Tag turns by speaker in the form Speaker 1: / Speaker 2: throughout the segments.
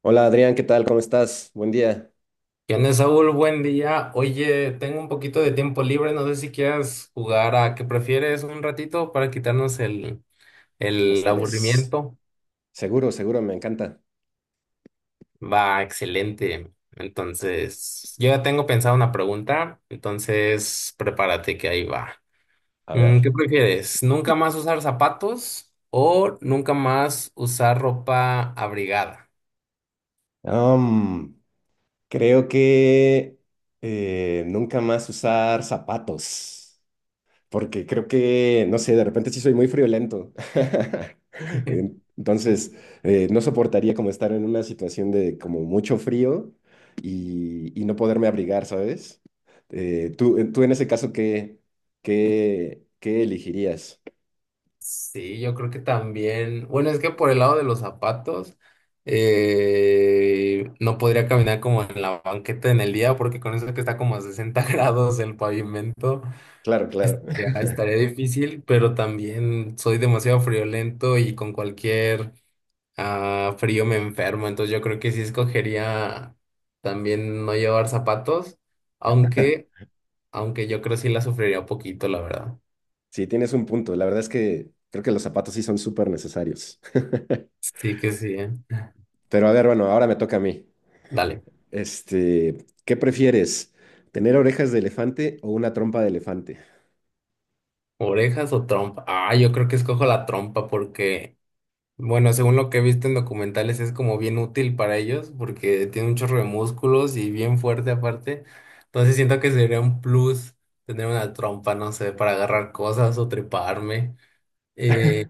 Speaker 1: Hola Adrián, ¿qué tal? ¿Cómo estás? Buen día.
Speaker 2: ¿Qué onda, Saúl? Buen día. Oye, tengo un poquito de tiempo libre. No sé si quieras jugar a qué prefieres un ratito para quitarnos el,
Speaker 1: El
Speaker 2: el
Speaker 1: estrés.
Speaker 2: aburrimiento.
Speaker 1: Seguro, seguro, me encanta.
Speaker 2: Va, excelente. Entonces, yo ya tengo pensada una pregunta. Entonces, prepárate que ahí va.
Speaker 1: A ver.
Speaker 2: ¿Qué prefieres? ¿Nunca más usar zapatos o nunca más usar ropa abrigada?
Speaker 1: am, creo que nunca más usar zapatos, porque creo que, no sé, de repente sí soy muy friolento. Entonces, no soportaría como estar en una situación de como mucho frío y no poderme abrigar, ¿sabes? Tú en ese caso, ¿qué elegirías?
Speaker 2: Sí, yo creo que también. Bueno, es que por el lado de los zapatos, no podría caminar como en la banqueta en el día, porque con eso que está como a 60 grados el pavimento,
Speaker 1: Claro, claro.
Speaker 2: estaría difícil, pero también soy demasiado friolento y con cualquier frío me enfermo. Entonces yo creo que sí escogería también no llevar zapatos, aunque, aunque yo creo que sí la sufriría un poquito, la verdad.
Speaker 1: Sí, tienes un punto. La verdad es que creo que los zapatos sí son súper necesarios.
Speaker 2: Sí que sí, ¿eh?
Speaker 1: Pero a ver, bueno, ahora me toca a mí.
Speaker 2: Dale.
Speaker 1: Este, ¿qué prefieres? ¿Tener orejas de elefante o una trompa de elefante?
Speaker 2: ¿Orejas o trompa? Ah, yo creo que escojo la trompa porque, bueno, según lo que he visto en documentales es como bien útil para ellos porque tiene un chorro de músculos y bien fuerte aparte. Entonces siento que sería un plus tener una trompa, no sé, para agarrar cosas o treparme. Eh,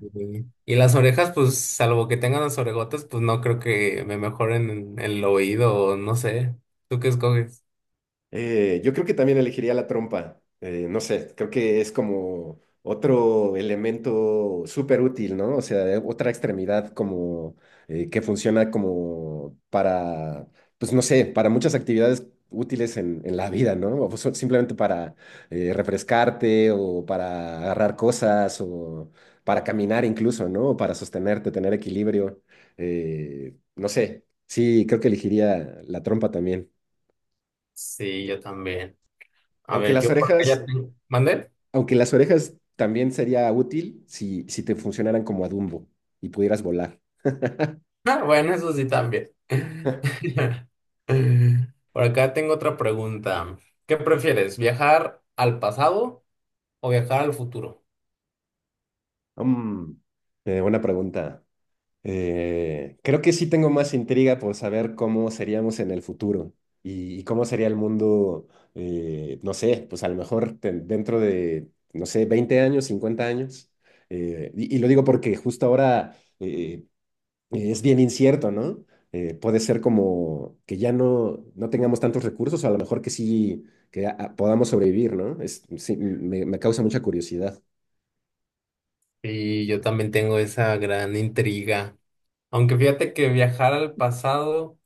Speaker 2: y las orejas, pues salvo que tengan las orejotas, pues no creo que me mejoren en el oído o no sé. ¿Tú qué escoges?
Speaker 1: Yo creo que también elegiría la trompa. No sé, creo que es como otro elemento súper útil, ¿no? O sea, otra extremidad como que funciona como para, pues no sé, para muchas actividades útiles en la vida, ¿no? Simplemente para refrescarte o para agarrar cosas o para caminar incluso, ¿no? O para sostenerte, tener equilibrio. No sé, sí, creo que elegiría la trompa también.
Speaker 2: Sí, yo también. A
Speaker 1: Aunque
Speaker 2: ver, yo
Speaker 1: las
Speaker 2: por porque ya
Speaker 1: orejas...
Speaker 2: tengo... ¿Mande?
Speaker 1: Aunque las orejas también sería útil si te funcionaran como a Dumbo y pudieras volar.
Speaker 2: Ah, bueno, eso sí también. Por acá tengo otra pregunta. ¿Qué prefieres, viajar al pasado o viajar al futuro?
Speaker 1: Mm, Buena pregunta. Creo que sí tengo más intriga por saber cómo seríamos en el futuro y cómo sería el mundo, no sé, pues a lo mejor dentro de, no sé, 20 años, 50 años. Y lo digo porque justo ahora es bien incierto, ¿no? Puede ser como que ya no tengamos tantos recursos, o a lo mejor que sí, que podamos sobrevivir, ¿no? Sí, me causa mucha curiosidad.
Speaker 2: Y yo también tengo esa gran intriga. Aunque fíjate que viajar al pasado,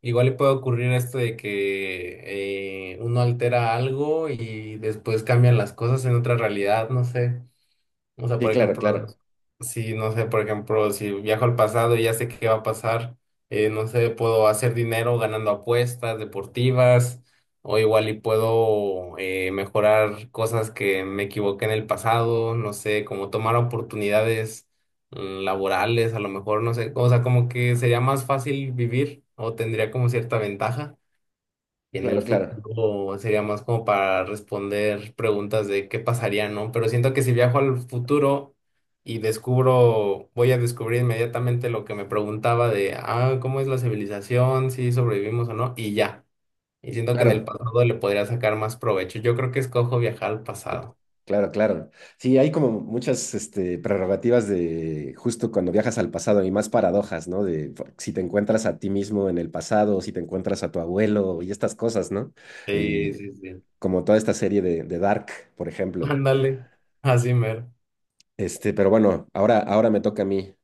Speaker 2: igual le puede ocurrir esto de que uno altera algo y después cambian las cosas en otra realidad, no sé. O sea,
Speaker 1: Sí,
Speaker 2: por
Speaker 1: claro,
Speaker 2: ejemplo,
Speaker 1: claro,
Speaker 2: si no sé, por ejemplo, si viajo al pasado y ya sé qué va a pasar, no sé, puedo hacer dinero ganando apuestas deportivas o igual y puedo mejorar cosas que me equivoqué en el pasado, no sé, como tomar oportunidades laborales, a lo mejor, no sé, o sea, como que sería más fácil vivir o tendría como cierta ventaja. En el
Speaker 1: claro, claro,
Speaker 2: futuro sería más como para responder preguntas de qué pasaría, ¿no? Pero siento que si viajo al futuro y descubro, voy a descubrir inmediatamente lo que me preguntaba de, ah, ¿cómo es la civilización? Si sobrevivimos o no, y ya. Y siento que en el
Speaker 1: claro,
Speaker 2: pasado le podría sacar más provecho. Yo creo que escojo viajar al
Speaker 1: to-
Speaker 2: pasado.
Speaker 1: claro, claro. Sí, hay como muchas este, prerrogativas de justo cuando viajas al pasado y más paradojas, ¿no? Si te encuentras a ti mismo en el pasado, si te encuentras a tu abuelo y estas cosas, ¿no?
Speaker 2: Sí,
Speaker 1: Eh,
Speaker 2: sí, sí.
Speaker 1: Como toda esta serie de Dark, por ejemplo.
Speaker 2: Ándale, así mero.
Speaker 1: Este, pero bueno, ahora me toca a mí.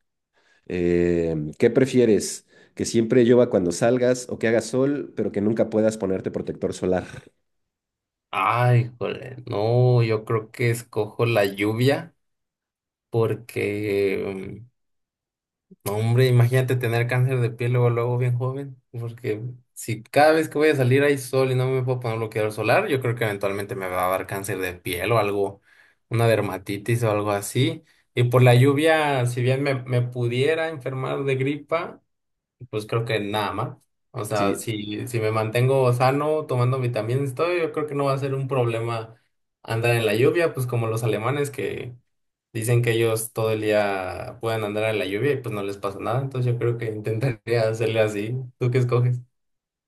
Speaker 1: ¿Qué prefieres? ¿Que siempre llueva cuando salgas o que haga sol, pero que nunca puedas ponerte protector solar?
Speaker 2: Ay, joder. No, yo creo que escojo la lluvia porque... No, hombre, imagínate tener cáncer de piel luego, luego bien joven, porque si cada vez que voy a salir hay sol y no me puedo poner bloqueador solar, yo creo que eventualmente me va a dar cáncer de piel o algo, una dermatitis o algo así. Y por la lluvia, si bien me pudiera enfermar de gripa, pues creo que nada más. O sea,
Speaker 1: Sí,
Speaker 2: si me mantengo sano, tomando vitaminas y todo, yo creo que no va a ser un problema andar en la lluvia, pues como los alemanes que dicen que ellos todo el día pueden andar en la lluvia y pues no les pasa nada, entonces yo creo que intentaría hacerle así. ¿Tú qué escoges?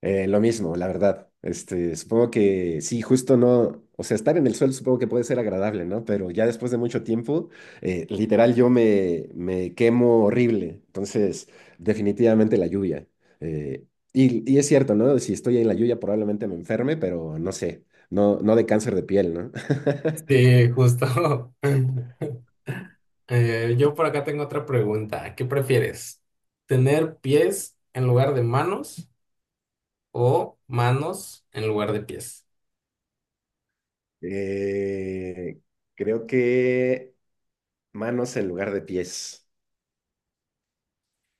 Speaker 1: Lo mismo, la verdad. Este, supongo que sí, justo no, o sea, estar en el suelo supongo que puede ser agradable, ¿no? Pero ya después de mucho tiempo, literal yo me quemo horrible. Entonces, definitivamente la lluvia. Eh, y es cierto, ¿no? Si estoy en la lluvia probablemente me enferme, pero no sé, no de cáncer de piel, ¿no?
Speaker 2: Sí, justo. Yo por acá tengo otra pregunta. ¿Qué prefieres? ¿Tener pies en lugar de manos o manos en lugar de pies?
Speaker 1: Eh, Creo que manos en lugar de pies.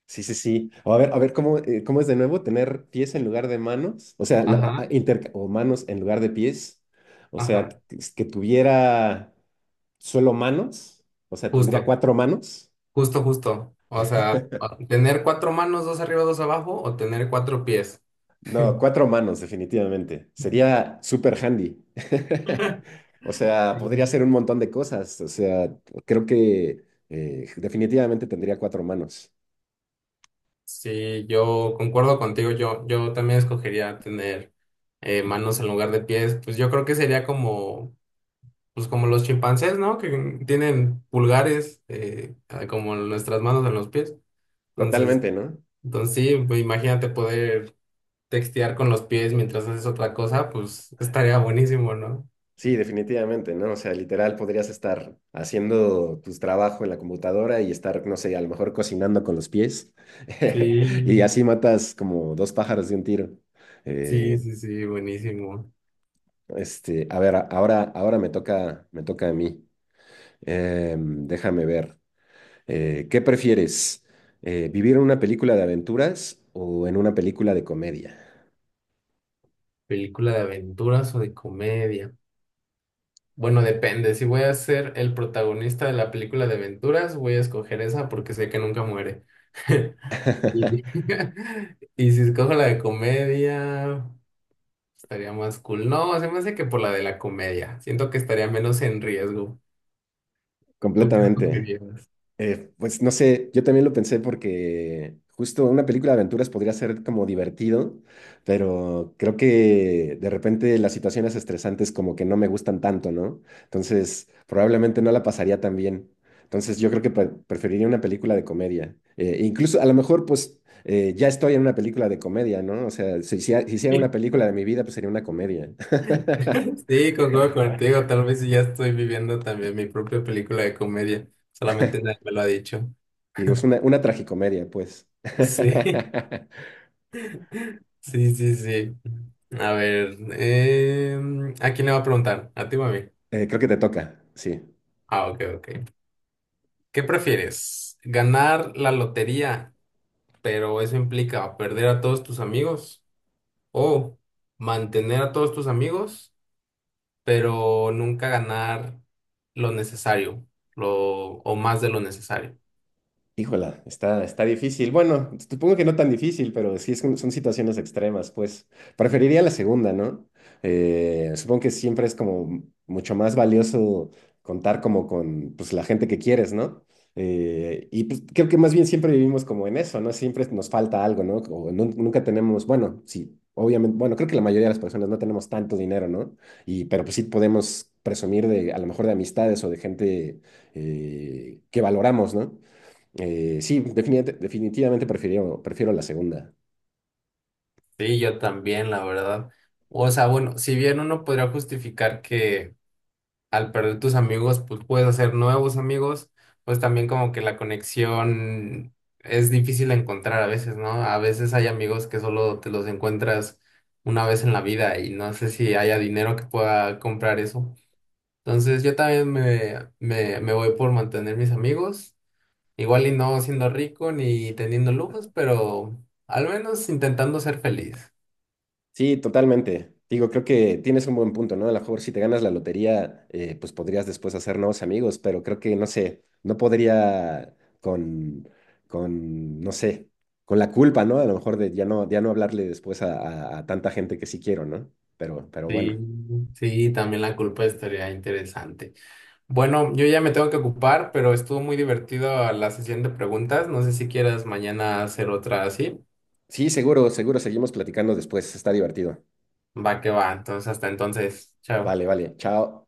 Speaker 1: Sí, sí, sí. O a ver cómo, cómo es de nuevo tener pies en lugar de manos, o sea,
Speaker 2: Ajá,
Speaker 1: o manos en lugar de pies, o sea,
Speaker 2: ajá.
Speaker 1: que tuviera solo manos, o sea, tendría
Speaker 2: Justo,
Speaker 1: cuatro manos.
Speaker 2: justo, justo. O sea, tener cuatro manos, dos arriba, dos abajo o tener cuatro pies.
Speaker 1: No, cuatro manos, definitivamente. Sería super handy. O sea,
Speaker 2: Sí.
Speaker 1: podría hacer un montón de cosas. O sea, creo que definitivamente tendría cuatro manos.
Speaker 2: Sí, yo concuerdo contigo, yo también escogería tener manos en lugar de pies, pues yo creo que sería como, pues como los chimpancés, ¿no? Que tienen pulgares como nuestras manos en los pies, entonces,
Speaker 1: Totalmente, ¿no?
Speaker 2: entonces sí, pues imagínate poder textear con los pies mientras haces otra cosa, pues estaría buenísimo, ¿no?
Speaker 1: Sí, definitivamente, ¿no? O sea, literal podrías estar haciendo tu trabajo en la computadora y estar, no sé, a lo mejor cocinando con los pies
Speaker 2: Sí,
Speaker 1: y así matas como dos pájaros de un tiro.
Speaker 2: sí,
Speaker 1: Eh,
Speaker 2: sí, sí, buenísimo.
Speaker 1: este, a ver, ahora, ahora me toca a mí. Em, déjame ver. ¿Qué prefieres? ¿Vivir en una película de aventuras o en una película de comedia?
Speaker 2: ¿Película de aventuras o de comedia? Bueno, depende. Si voy a ser el protagonista de la película de aventuras, voy a escoger esa porque sé que nunca muere. Y, y si escojo la de comedia, estaría más cool. No, se me hace que por la de la comedia. Siento que estaría menos en riesgo. ¿Tú qué
Speaker 1: Completamente.
Speaker 2: escogerías?
Speaker 1: Pues no sé, yo también lo pensé porque justo una película de aventuras podría ser como divertido, pero creo que de repente las situaciones estresantes como que no me gustan tanto, ¿no? Entonces, probablemente no la pasaría tan bien. Entonces, yo creo que preferiría una película de comedia. Incluso a lo mejor, pues, ya estoy en una película de comedia, ¿no? O sea, si, hiciera si hiciera una película de mi vida, pues sería una comedia.
Speaker 2: Sí, concuerdo contigo. Tal vez ya estoy viviendo también mi propia película de comedia. Solamente nadie me lo ha dicho.
Speaker 1: Digo, es una tragicomedia, pues.
Speaker 2: Sí. Sí, sí, sí. A ver, ¿a quién le va a preguntar? ¿A ti o a mí?
Speaker 1: Creo que te toca, sí.
Speaker 2: Ah, ok, ok. ¿Qué prefieres? ¿Ganar la lotería, pero eso implica perder a todos tus amigos? ¿O mantener a todos tus amigos, pero nunca ganar lo necesario, lo, o más de lo necesario?
Speaker 1: Híjola, está difícil. Bueno, supongo que no tan difícil, pero sí es son situaciones extremas, pues. Preferiría la segunda, ¿no? Supongo que siempre es como mucho más valioso contar como con pues, la gente que quieres, ¿no? Y pues, creo que más bien siempre vivimos como en eso, ¿no? Siempre nos falta algo, ¿no? Nunca tenemos, bueno, sí, obviamente, bueno, creo que la mayoría de las personas no tenemos tanto dinero, ¿no? Y, pero pues sí podemos presumir de, a lo mejor de amistades o de gente que valoramos, ¿no? Sí, definitivamente prefiero, prefiero la segunda.
Speaker 2: Sí, yo también, la verdad. O sea, bueno, si bien uno podría justificar que... al perder tus amigos, pues puedes hacer nuevos amigos, pues también como que la conexión es difícil de encontrar a veces, ¿no? A veces hay amigos que solo te los encuentras una vez en la vida y no sé si haya dinero que pueda comprar eso. Entonces yo también me voy por mantener mis amigos, igual y no siendo rico ni teniendo lujos, pero al menos intentando ser feliz.
Speaker 1: Sí, totalmente. Digo, creo que tienes un buen punto, ¿no? A lo mejor si te ganas la lotería, pues podrías después hacer nuevos amigos, pero creo que, no sé, no podría con, no sé, con la culpa, ¿no? A lo mejor de ya no, ya no hablarle después a, a tanta gente que sí quiero, ¿no? Pero
Speaker 2: Sí,
Speaker 1: bueno.
Speaker 2: sí, también la culpa estaría interesante. Bueno, yo ya me tengo que ocupar, pero estuvo muy divertido la sesión de preguntas. No sé si quieras mañana hacer otra así.
Speaker 1: Sí, seguro, seguro, seguimos platicando después. Está divertido.
Speaker 2: Va que va. Entonces, hasta entonces. Chao.
Speaker 1: Vale, vale. Chao.